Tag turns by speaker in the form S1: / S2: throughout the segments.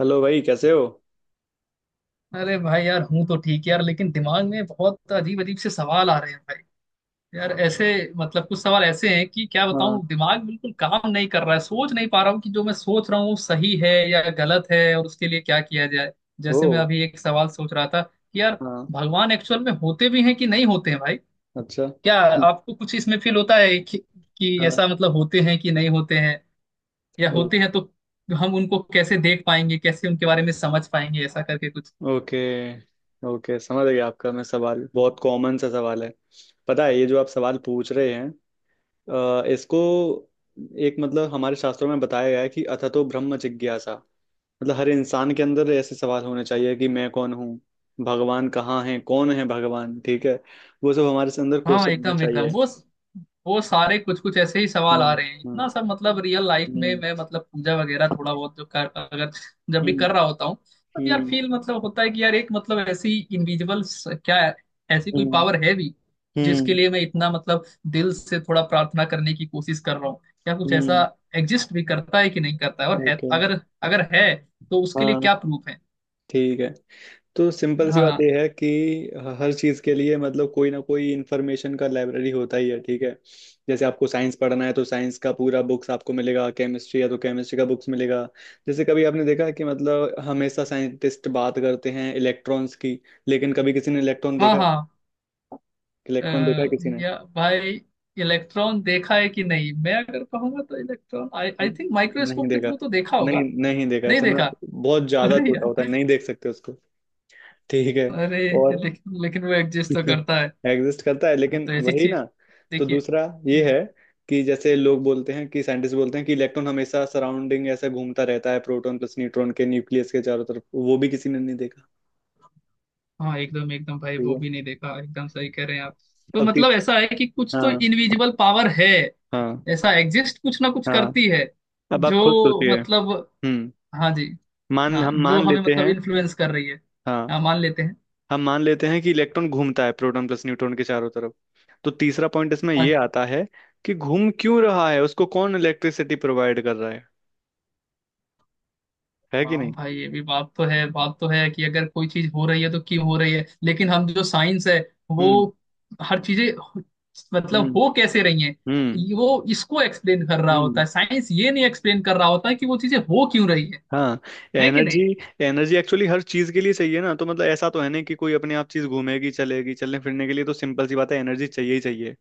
S1: Hello भाई, कैसे हो?
S2: अरे भाई, यार हूँ तो ठीक यार, लेकिन दिमाग में बहुत अजीब अजीब से सवाल आ रहे हैं भाई। यार ऐसे, मतलब कुछ सवाल ऐसे हैं कि क्या
S1: हाँ।
S2: बताऊँ, दिमाग बिल्कुल काम नहीं कर रहा है, सोच नहीं पा रहा हूँ कि जो मैं सोच रहा हूँ वो सही है या गलत है, और उसके लिए क्या किया जाए।
S1: ओ।
S2: जैसे मैं अभी एक सवाल सोच रहा था कि यार,
S1: हाँ।
S2: भगवान एक्चुअल में होते भी हैं कि नहीं होते हैं भाई?
S1: अच्छा।
S2: क्या आपको कुछ इसमें फील होता है कि
S1: हाँ।
S2: ऐसा मतलब होते हैं कि नहीं होते हैं? या
S1: ओ।
S2: होते हैं तो हम उनको कैसे देख पाएंगे, कैसे उनके बारे में समझ पाएंगे, ऐसा करके कुछ।
S1: ओके। ओके, समझ गया आपका। मैं सवाल बहुत कॉमन सा सवाल है। पता है ये जो आप सवाल पूछ रहे हैं, इसको एक मतलब हमारे शास्त्रों में बताया गया है कि अथतो ब्रह्म जिज्ञासा। मतलब हर इंसान के अंदर ऐसे सवाल होने चाहिए कि मैं कौन हूँ, भगवान कहाँ है, कौन है भगवान? ठीक है। वो सब हमारे से अंदर
S2: हाँ,
S1: क्वेश्चन होना
S2: एकदम एकदम
S1: चाहिए।
S2: वो सारे कुछ कुछ ऐसे ही सवाल आ
S1: हम्म।
S2: रहे हैं।
S1: हम्म।
S2: इतना सब, मतलब रियल लाइफ में
S1: हम्म।
S2: मैं मतलब पूजा वगैरह थोड़ा बहुत जो कर अगर जब भी
S1: हम्म।
S2: कर रहा होता हूँ, तब यार
S1: हम्म।
S2: फील मतलब होता है कि यार एक, मतलब ऐसी इंडिविजुअल क्या है, ऐसी कोई
S1: हम्म।
S2: पावर है भी जिसके
S1: हम्म।
S2: लिए मैं इतना मतलब दिल से थोड़ा प्रार्थना करने की कोशिश कर रहा हूँ? क्या कुछ ऐसा
S1: हम्म।
S2: एग्जिस्ट भी करता है कि नहीं करता है, और है
S1: ओके।
S2: अगर अगर है तो उसके लिए
S1: हाँ,
S2: क्या प्रूफ है?
S1: ठीक है। तो सिंपल सी बात
S2: हाँ,
S1: यह है कि हर चीज़ के लिए मतलब कोई ना कोई इन्फॉर्मेशन का लाइब्रेरी होता ही है, ठीक है। जैसे आपको साइंस पढ़ना है तो साइंस का पूरा बुक्स आपको मिलेगा, केमिस्ट्री है तो केमिस्ट्री का बुक्स मिलेगा। जैसे कभी आपने देखा कि मतलब हमेशा साइंटिस्ट बात करते हैं इलेक्ट्रॉन्स की, लेकिन कभी किसी ने इलेक्ट्रॉन
S2: हाँ,
S1: देखा है?
S2: हाँ, अ,
S1: इलेक्ट्रॉन देखा है किसी ने?
S2: या भाई, इलेक्ट्रॉन देखा है कि नहीं मैं अगर कहूंगा तो इलेक्ट्रॉन आई आई थिंक
S1: नहीं
S2: माइक्रोस्कोप के
S1: देखा।
S2: थ्रू तो देखा
S1: नहीं,
S2: होगा।
S1: नहीं देखा,
S2: नहीं
S1: इतना
S2: देखा,
S1: बहुत ज़्यादा
S2: अरे
S1: छोटा होता है,
S2: यार!
S1: नहीं देख सकते उसको। ठीक है।
S2: अरे,
S1: और
S2: लेकिन लेकिन वो एग्जिस्ट तो करता है।
S1: एग्जिस्ट करता है,
S2: हाँ,
S1: लेकिन
S2: तो ऐसी
S1: वही
S2: चीज,
S1: ना। तो
S2: देखिए।
S1: दूसरा ये है कि जैसे लोग बोलते हैं कि साइंटिस्ट बोलते हैं कि इलेक्ट्रॉन हमेशा सराउंडिंग ऐसा घूमता रहता है, प्रोटॉन प्लस न्यूट्रॉन के न्यूक्लियस के चारों तरफ। वो भी किसी ने नहीं देखा।
S2: हाँ, एकदम एकदम भाई,
S1: ठीक
S2: वो
S1: है।
S2: भी नहीं देखा, एकदम सही कह रहे हैं आप। तो
S1: अब
S2: मतलब
S1: 30।
S2: ऐसा है कि कुछ तो
S1: हाँ।
S2: इनविजिबल पावर है,
S1: हाँ।
S2: ऐसा एग्जिस्ट कुछ ना कुछ
S1: हाँ।
S2: करती है,
S1: अब आप खुद
S2: जो
S1: सोचिए।
S2: मतलब,
S1: हम्म।
S2: हाँ जी,
S1: मान
S2: हाँ,
S1: हम
S2: जो
S1: मान
S2: हमें
S1: लेते
S2: मतलब
S1: हैं।
S2: इन्फ्लुएंस कर रही है,
S1: हाँ।
S2: हाँ मान लेते हैं।
S1: हम मान लेते हैं कि इलेक्ट्रॉन घूमता है प्रोटॉन प्लस न्यूट्रॉन के चारों तरफ। तो तीसरा पॉइंट इसमें
S2: हाँ
S1: ये
S2: जी।
S1: आता है कि घूम क्यों रहा है, उसको कौन इलेक्ट्रिसिटी प्रोवाइड कर रहा है कि
S2: हाँ
S1: नहीं।
S2: भाई, ये भी बात तो है, बात तो है कि अगर कोई चीज हो रही है तो क्यों हो रही है, लेकिन हम जो साइंस है, वो
S1: हम्म।
S2: हर चीजें मतलब
S1: हम्म।
S2: हो कैसे रही हैं,
S1: हम्म।
S2: वो इसको एक्सप्लेन कर रहा होता
S1: हम्म।
S2: है, साइंस ये नहीं एक्सप्लेन कर रहा होता है कि वो चीजें हो क्यों रही है
S1: हाँ।
S2: है कि
S1: एनर्जी।
S2: नहीं।
S1: एनर्जी एक्चुअली हर चीज के लिए चाहिए ना, तो मतलब ऐसा तो है नहीं कि कोई अपने आप चीज घूमेगी चलेगी। चलने फिरने के लिए तो सिंपल सी बात है, एनर्जी चाहिए ही चाहिए।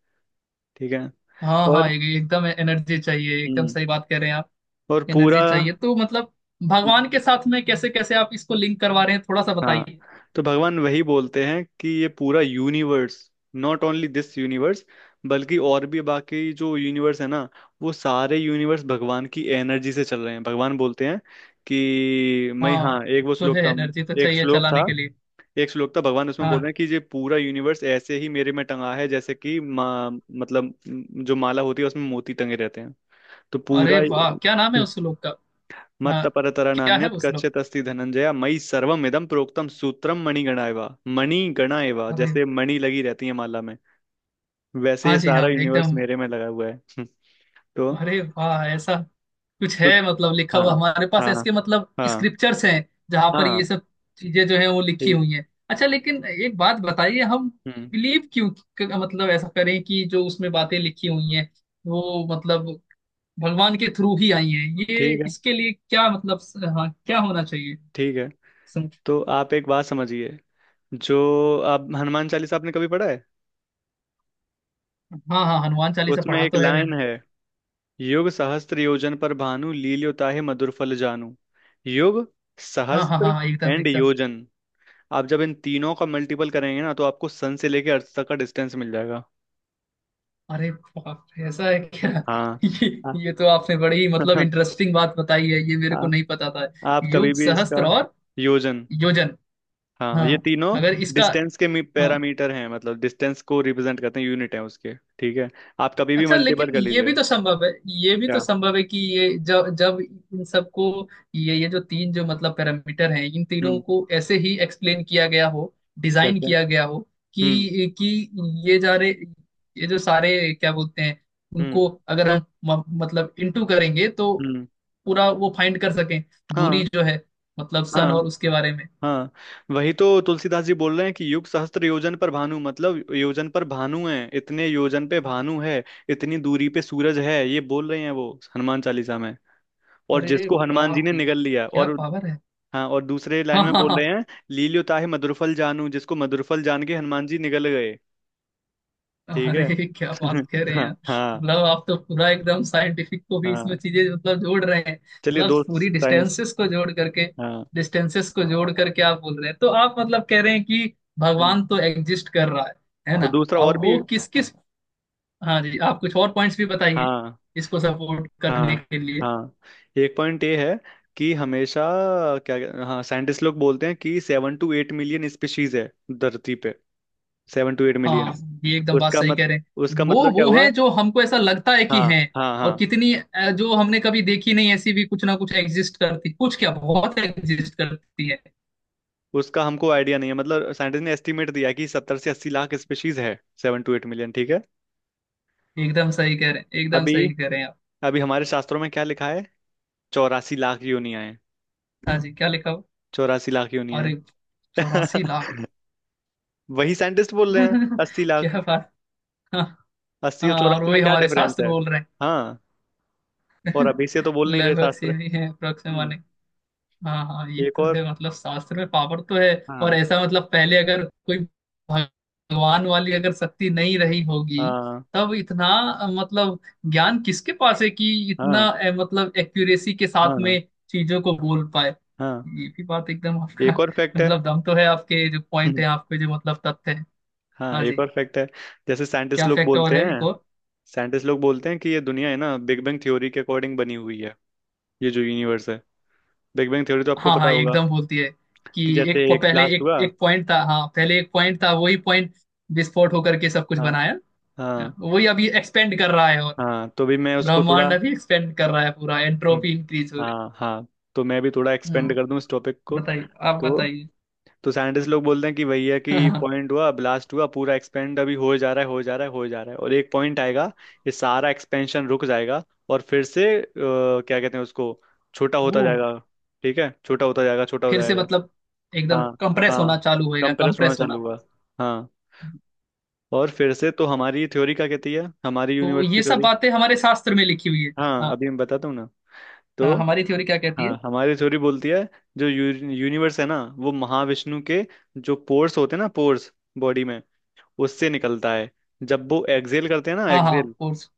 S1: ठीक है।
S2: हाँ, हाँ,
S1: और
S2: एकदम एनर्जी चाहिए, एकदम
S1: हम्म
S2: सही बात कह रहे हैं आप।
S1: पूरा।
S2: एनर्जी चाहिए तो मतलब, भगवान के साथ में कैसे कैसे आप इसको लिंक करवा रहे हैं, थोड़ा सा
S1: हाँ,
S2: बताइए।
S1: तो भगवान वही बोलते हैं कि ये पूरा universe, not only this universe, बल्कि और भी बाकी जो यूनिवर्स है ना, वो सारे यूनिवर्स भगवान की एनर्जी से चल रहे हैं। भगवान बोलते हैं कि मैं, हाँ,
S2: हाँ,
S1: एक वो
S2: तो
S1: श्लोक
S2: है,
S1: था।
S2: एनर्जी तो
S1: एक
S2: चाहिए
S1: श्लोक था।
S2: चलाने के लिए।
S1: भगवान उसमें बोल रहे
S2: हाँ
S1: हैं कि ये पूरा यूनिवर्स ऐसे ही मेरे में टंगा है, जैसे कि मतलब जो माला होती है उसमें मोती टंगे रहते हैं। तो पूरा।
S2: अरे वाह! क्या नाम है
S1: हम्म।
S2: उस लोग का?
S1: मत्त
S2: हाँ,
S1: परतरा
S2: क्या है
S1: नान्यत्
S2: वो श्लोक?
S1: कच्चित् अस्ति धनंजया मयि सर्वम इदम प्रोक्तम सूत्रम मणिगणा एवा। मणिगणा एवा,
S2: अरे,
S1: जैसे मणि लगी रहती है माला में, वैसे
S2: हाँ
S1: ये
S2: जी,
S1: सारा
S2: हाँ
S1: यूनिवर्स
S2: एकदम।
S1: मेरे में लगा हुआ है। हम्म। तो
S2: अरे वाह! ऐसा कुछ है
S1: तो
S2: मतलब लिखा
S1: हाँ।
S2: हुआ हमारे पास,
S1: हाँ।
S2: इसके मतलब
S1: हाँ।
S2: स्क्रिप्चर्स हैं जहां पर
S1: हाँ।
S2: ये सब चीजें जो हैं वो लिखी
S1: ठीक।
S2: हुई हैं। अच्छा, लेकिन एक बात बताइए, हम
S1: हम्म
S2: बिलीव क्यों, मतलब ऐसा करें कि जो उसमें बातें लिखी हुई हैं, वो मतलब भगवान के थ्रू ही आई हैं, ये
S1: ठीक है।
S2: इसके लिए क्या मतलब? हाँ, क्या होना चाहिए।
S1: ठीक है।
S2: सं-
S1: तो आप एक बात समझिए। जो आप हनुमान चालीसा आपने कभी पढ़ा है?
S2: हाँ, हाँ, हनुमान चालीसा
S1: उसमें
S2: पढ़ा
S1: एक
S2: तो है
S1: लाइन
S2: मैंने।
S1: है, युग सहस्त्र योजन पर भानु लील्योताहे मधुर फल जानू। युग,
S2: हाँ, हाँ, हाँ,
S1: सहस्त्र
S2: हाँ, एकदम
S1: एंड
S2: एकदम।
S1: योजन। आप जब इन तीनों का मल्टीपल करेंगे ना, तो आपको सन से लेके अर्थ तक का डिस्टेंस मिल जाएगा।
S2: अरे बाप रे! ऐसा है क्या?
S1: हाँ।
S2: ये
S1: आ,
S2: ये तो आपने बड़ी मतलब इंटरेस्टिंग बात बताई है, ये मेरे को
S1: आ,
S2: नहीं पता था।
S1: आप कभी
S2: युग
S1: भी इसका
S2: सहस्त्र और
S1: योजन।
S2: योजन।
S1: हाँ,
S2: हाँ,
S1: ये तीनों
S2: अगर इसका,
S1: डिस्टेंस के
S2: हाँ।
S1: पैरामीटर हैं, मतलब डिस्टेंस को रिप्रेजेंट करते हैं, यूनिट है उसके, ठीक है। आप कभी भी
S2: अच्छा,
S1: मल्टीपल
S2: लेकिन
S1: कर
S2: ये
S1: लीजिए।
S2: भी तो संभव है, ये भी तो
S1: क्या।
S2: संभव है कि ये जब जब इन सबको, ये जो तीन जो मतलब पैरामीटर हैं, इन तीनों
S1: हम्म।
S2: को ऐसे ही एक्सप्लेन किया गया हो, डिजाइन
S1: कहते हैं।
S2: किया गया हो,
S1: हम्म।
S2: कि ये जा रहे, ये जो सारे क्या बोलते हैं,
S1: हम्म।
S2: उनको अगर हम मतलब इंटू करेंगे तो
S1: हम्म।
S2: पूरा वो फाइंड कर सकें, दूरी
S1: हाँ।
S2: जो है मतलब सन
S1: हाँ।
S2: और उसके बारे में।
S1: हाँ। वही तो तुलसीदास जी बोल रहे हैं कि युग सहस्त्र योजन पर भानु, मतलब योजन पर भानु है, इतने योजन पे भानु है, इतनी दूरी पे सूरज है, ये बोल रहे हैं वो, हनुमान चालीसा में। और
S2: अरे
S1: जिसको
S2: वाह!
S1: हनुमान जी ने
S2: ये
S1: निगल लिया।
S2: क्या
S1: और
S2: पावर है!
S1: हाँ, और दूसरे लाइन
S2: हाँ,
S1: में
S2: हाँ, हाँ,
S1: बोल रहे हैं लील्यो ताहि मधुरफल जानू, जिसको मधुरफल जान के हनुमान जी निगल गए। ठीक है।
S2: अरे क्या बात कह रहे हैं
S1: हाँ।
S2: यार,
S1: हाँ।
S2: मतलब आप तो पूरा एकदम साइंटिफिक को भी इसमें
S1: हाँ।
S2: चीजें मतलब जोड़ रहे हैं,
S1: चलिए,
S2: मतलब
S1: दो
S2: पूरी
S1: साइंस।
S2: डिस्टेंसेस को जोड़ करके,
S1: हाँ।
S2: डिस्टेंसेस को जोड़ करके आप बोल रहे हैं, तो आप मतलब कह रहे हैं कि
S1: हम्म।
S2: भगवान तो एग्जिस्ट कर रहा है
S1: तो
S2: ना?
S1: दूसरा और
S2: अब
S1: भी।
S2: वो किस किस, हाँ जी, आप कुछ और पॉइंट्स भी बताइए
S1: हाँ।
S2: इसको सपोर्ट करने
S1: हाँ।
S2: के लिए।
S1: हाँ। एक पॉइंट ये है कि हमेशा, क्या, हाँ, साइंटिस्ट लोग बोलते हैं कि 7 to 8 मिलियन स्पीशीज है धरती पे। 7 to 8 मिलियन।
S2: हाँ, ये एकदम बात
S1: उसका
S2: सही कह
S1: मत
S2: रहे हैं।
S1: उसका
S2: वो
S1: मतलब क्या
S2: वो
S1: हुआ?
S2: हैं जो हमको ऐसा लगता है कि
S1: हाँ।
S2: हैं,
S1: हाँ।
S2: और
S1: हाँ।
S2: कितनी जो हमने कभी देखी नहीं ऐसी भी कुछ ना कुछ एग्जिस्ट करती, कुछ क्या, बहुत एग्जिस्ट करती है।
S1: उसका हमको आइडिया नहीं है, मतलब साइंटिस्ट ने एस्टिमेट दिया कि 70 से 80 लाख स्पीशीज है, 7 to 8 मिलियन, ठीक है।
S2: एकदम सही कह रहे हैं, एकदम
S1: अभी,
S2: सही कह रहे हैं आप।
S1: अभी हमारे शास्त्रों में क्या लिखा है? 84 लाख योनियां हैं।
S2: हाँ जी, क्या लिखा हो?
S1: 84 लाख योनियां
S2: अरे, 84 लाख!
S1: हैं। वही साइंटिस्ट बोल रहे हैं 80 लाख।
S2: क्या बात! हाँ,
S1: 80 और
S2: हाँ, और
S1: 84 में
S2: वही
S1: क्या
S2: हमारे
S1: डिफरेंस
S2: शास्त्र
S1: है?
S2: बोल रहे हैं।
S1: हाँ। और अभी से तो बोल नहीं रहे
S2: लगभग
S1: शास्त्र।
S2: सेम ही है अप्रोक्स
S1: हम्म
S2: माने। हाँ, हाँ, ये
S1: एक
S2: तो
S1: और।
S2: है, मतलब शास्त्र में पावर तो है। और
S1: हाँ।
S2: ऐसा मतलब पहले अगर कोई भगवान वाली अगर शक्ति नहीं रही होगी,
S1: हाँ।
S2: तब इतना मतलब ज्ञान किसके पास है कि इतना
S1: हाँ।
S2: मतलब एक्यूरेसी के साथ
S1: हाँ।
S2: में चीजों को बोल पाए,
S1: हाँ,
S2: ये भी बात एकदम आपका,
S1: एक और फैक्ट है।
S2: मतलब दम तो है आपके जो पॉइंट
S1: हम्म,
S2: है, आपके जो मतलब तथ्य है।
S1: हाँ,
S2: हाँ
S1: एक
S2: जी,
S1: और फैक्ट है। जैसे
S2: क्या फैक्ट और है, एक और?
S1: साइंटिस्ट लोग बोलते हैं कि ये दुनिया है ना, बिग बैंग थ्योरी के अकॉर्डिंग बनी हुई है। ये जो यूनिवर्स है, बिग बैंग थ्योरी तो आपको
S2: हाँ,
S1: पता
S2: हाँ, ये
S1: होगा,
S2: एकदम बोलती है कि
S1: कि जैसे एक
S2: पहले
S1: ब्लास्ट
S2: एक
S1: हुआ।
S2: एक पॉइंट था, हाँ पहले एक पॉइंट था, वही पॉइंट विस्फोट होकर के सब कुछ
S1: हाँ।
S2: बनाया। हाँ,
S1: हाँ।
S2: वही अभी एक्सपेंड कर रहा है, और
S1: हाँ। तो भी मैं उसको थोड़ा।
S2: ब्रह्मांड अभी एक्सपेंड कर रहा है पूरा,
S1: हम्म,
S2: एंट्रोपी इंक्रीज हो रही।
S1: हाँ। हाँ, तो मैं भी थोड़ा एक्सपेंड
S2: हम्म,
S1: कर दूं इस टॉपिक को।
S2: बताइए, आप
S1: तो
S2: बताइए।
S1: तो साइंटिस्ट लोग बोलते हैं कि भैया कि पॉइंट हुआ, ब्लास्ट हुआ, पूरा एक्सपेंड अभी हो जा रहा है, हो जा रहा है, हो जा रहा है, और एक पॉइंट आएगा, ये सारा एक्सपेंशन रुक जाएगा। और फिर से क्या कहते हैं उसको, छोटा
S2: ओ,
S1: होता जाएगा। ठीक है, छोटा होता जाएगा, छोटा
S2: फिर
S1: होता
S2: से
S1: जाएगा।
S2: मतलब एकदम
S1: हाँ।
S2: कंप्रेस
S1: हाँ।
S2: होना चालू होएगा,
S1: कंप्रेस होना
S2: कंप्रेस होना।
S1: चालू हुआ। हाँ, और फिर से तो हमारी थ्योरी क्या कहती है, हमारी
S2: तो
S1: यूनिवर्स की
S2: ये सब
S1: थ्योरी?
S2: बातें हमारे शास्त्र में लिखी हुई है?
S1: हाँ,
S2: हाँ,
S1: अभी मैं बताता हूँ ना। तो
S2: हाँ, हमारी थ्योरी क्या कहती है?
S1: हाँ, हमारी थ्योरी बोलती है, जो यूनिवर्स है ना, वो महाविष्णु के जो पोर्स होते हैं ना, पोर्स, बॉडी में, उससे निकलता है। जब वो एक्सहेल करते हैं ना,
S2: हाँ, हाँ,
S1: एक्सहेल,
S2: फोर्स।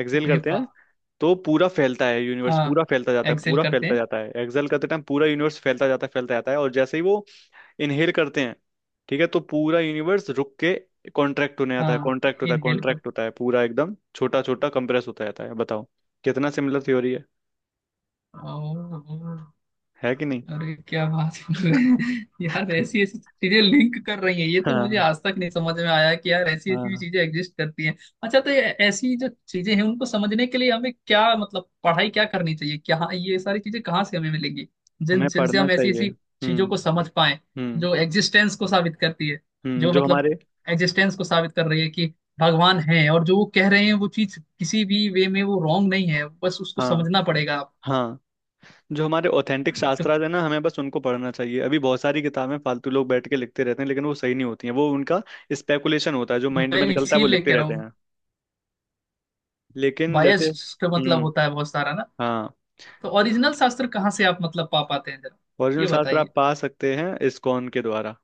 S1: एक्सहेल
S2: अरे
S1: करते हैं,
S2: वाह!
S1: तो पूरा फैलता है यूनिवर्स,
S2: हाँ,
S1: पूरा फैलता जाता है,
S2: एक्सेल
S1: पूरा
S2: करते
S1: फैलता
S2: हैं।
S1: जाता है, एक्सहेल करते टाइम पूरा यूनिवर्स फैलता जाता है, फैलता जाता है। और जैसे ही वो इनहेल करते हैं, ठीक है, तो पूरा यूनिवर्स रुक के कॉन्ट्रैक्ट होने आता है,
S2: हाँ,
S1: कॉन्ट्रैक्ट होता है,
S2: इनहेल
S1: कॉन्ट्रैक्ट
S2: करते।
S1: होता है, पूरा एकदम छोटा छोटा कंप्रेस होता जाता है। बताओ कितना सिमिलर थ्योरी है
S2: ओह, ओह।
S1: है कि नहीं?
S2: अरे क्या बात कर रहे हैं यार, ऐसी ऐसी चीजें लिंक कर रही हैं, ये तो मुझे
S1: हाँ।
S2: आज तक नहीं समझ में आया कि यार ऐसी ऐसी भी
S1: हाँ।
S2: चीजें एग्जिस्ट करती हैं। अच्छा, तो ये, ऐसी जो चीजें हैं उनको समझने के लिए हमें क्या मतलब पढ़ाई क्या करनी चाहिए, क्या ये सारी चीजें कहाँ से हमें मिलेंगी, जिन
S1: हमें
S2: जिनसे
S1: पढ़ना
S2: हम ऐसी
S1: चाहिए।
S2: ऐसी
S1: हम्म।
S2: चीजों को समझ पाए,
S1: हम्म।
S2: जो एग्जिस्टेंस को साबित करती है,
S1: हम्म।
S2: जो
S1: जो
S2: मतलब
S1: हमारे
S2: एग्जिस्टेंस को साबित कर रही है कि भगवान है, और जो वो कह रहे हैं वो चीज किसी भी वे में वो रॉन्ग नहीं है, बस उसको
S1: हाँ।
S2: समझना पड़ेगा आप।
S1: हाँ, जो हमारे ऑथेंटिक
S2: तो
S1: शास्त्रार्थ है ना, हमें बस उनको पढ़ना चाहिए। अभी बहुत सारी किताबें फालतू लोग बैठ के लिखते रहते हैं, लेकिन वो सही नहीं होती हैं। वो उनका स्पेकुलेशन होता है, जो माइंड
S2: मैं
S1: में निकलता है वो
S2: इसीलिए
S1: लिखते
S2: कह रहा
S1: रहते
S2: हूँ,
S1: हैं। लेकिन जैसे,
S2: बायस्ड का मतलब
S1: हम्म,
S2: होता है बहुत सारा ना।
S1: हाँ,
S2: तो ओरिजिनल शास्त्र कहाँ से आप मतलब पा पाते हैं जरा,
S1: ओरिजिनल
S2: ये
S1: शास्त्र
S2: बताइए?
S1: आप पा सकते हैं इस्कॉन के द्वारा।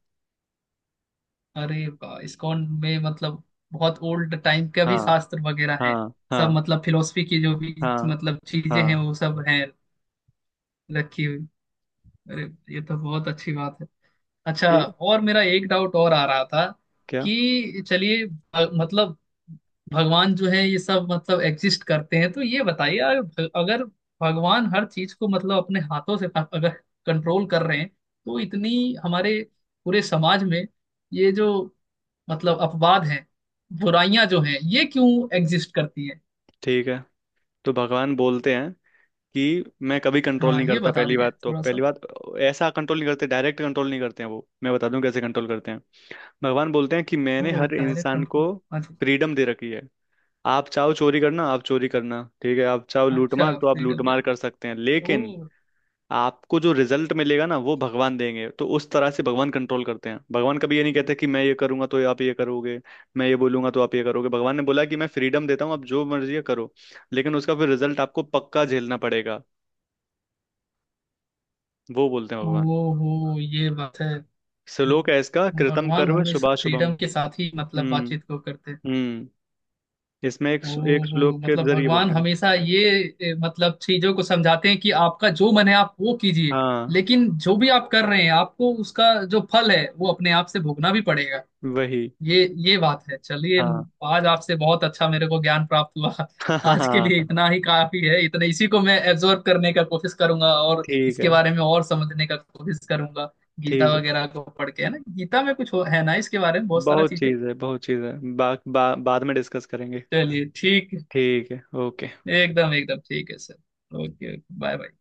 S2: अरे इस्कॉन में मतलब बहुत ओल्ड टाइम का भी
S1: हाँ।
S2: शास्त्र वगैरह है,
S1: हाँ।
S2: सब
S1: हाँ।
S2: मतलब फिलोसफी की जो भी
S1: हाँ।
S2: मतलब चीजें हैं
S1: हाँ,
S2: वो सब हैं रखी हुई। अरे, ये तो बहुत अच्छी बात है। अच्छा,
S1: ये,
S2: और मेरा एक डाउट और आ रहा था
S1: क्या,
S2: कि चलिए, मतलब भगवान जो है ये सब मतलब एग्जिस्ट करते हैं, तो ये बताइए अगर अगर भगवान हर चीज को मतलब अपने हाथों से, अगर कंट्रोल कर रहे हैं, तो इतनी हमारे पूरे समाज में ये जो मतलब अपवाद हैं, बुराइयां जो हैं, ये क्यों एग्जिस्ट करती हैं?
S1: ठीक है। तो भगवान बोलते हैं कि मैं कभी कंट्रोल
S2: हाँ,
S1: नहीं
S2: ये
S1: करता,
S2: बता
S1: पहली
S2: दीजिए
S1: बात, तो
S2: थोड़ा सा।
S1: पहली बात ऐसा कंट्रोल नहीं करते, डायरेक्ट कंट्रोल नहीं करते हैं वो। मैं बता दूं कैसे कंट्रोल करते हैं। भगवान बोलते हैं कि मैंने
S2: ओ,
S1: हर
S2: डायरेक्ट
S1: इंसान को
S2: कंट्रोल। अच्छा,
S1: फ्रीडम दे रखी है। आप चाहो चोरी करना, आप चोरी करना, ठीक है, आप चाहो
S2: अच्छा,
S1: लूटमार तो आप
S2: फ्रीडम दे।
S1: लूटमार कर सकते हैं, लेकिन
S2: ओ,
S1: आपको जो रिजल्ट मिलेगा ना, वो भगवान देंगे। तो उस तरह से भगवान कंट्रोल करते हैं। भगवान कभी ये नहीं कहते कि मैं ये करूंगा तो आप ये करोगे, मैं ये बोलूंगा तो आप ये करोगे। भगवान ने बोला कि मैं फ्रीडम देता हूँ, आप जो मर्जी है करो, लेकिन उसका फिर रिजल्ट आपको पक्का झेलना पड़ेगा, वो बोलते हैं
S2: ओ,
S1: भगवान।
S2: हो, ये बात है।
S1: श्लोक है इसका, कृतम
S2: भगवान
S1: कर्म
S2: हमेशा
S1: शुभाशुभम।
S2: फ्रीडम के साथ ही मतलब
S1: हम्म।
S2: बातचीत को करते हैं।
S1: हम्म। इसमें एक, एक
S2: ओहो,
S1: श्लोक के
S2: मतलब
S1: जरिए
S2: भगवान
S1: बोलते हैं।
S2: हमेशा ये मतलब चीजों को समझाते हैं कि आपका जो मन है आप वो कीजिए,
S1: हाँ,
S2: लेकिन जो भी आप कर रहे हैं आपको उसका जो फल है वो अपने आप से भोगना भी पड़ेगा।
S1: वही।
S2: ये ये बात है, चलिए।
S1: हाँ।
S2: आज आपसे बहुत अच्छा मेरे को ज्ञान प्राप्त हुआ।
S1: हाँ। हाँ।
S2: आज के
S1: हाँ।
S2: लिए इतना ही काफी है, इतने इसी को मैं एब्जॉर्ब करने का कोशिश करूंगा, और
S1: ठीक
S2: इसके
S1: है।
S2: बारे में और समझने का कोशिश करूंगा। गीता
S1: ठीक है,
S2: वगैरह को पढ़ के, है ना, गीता में कुछ हो, है ना, इसके बारे में बहुत सारा
S1: बहुत
S2: चीजें।
S1: चीज है, बहुत चीज है, बा, बा, बाद में डिस्कस करेंगे।
S2: चलिए ठीक है,
S1: ठीक है, ओके।
S2: एकदम एकदम ठीक है सर। Okay, bye bye.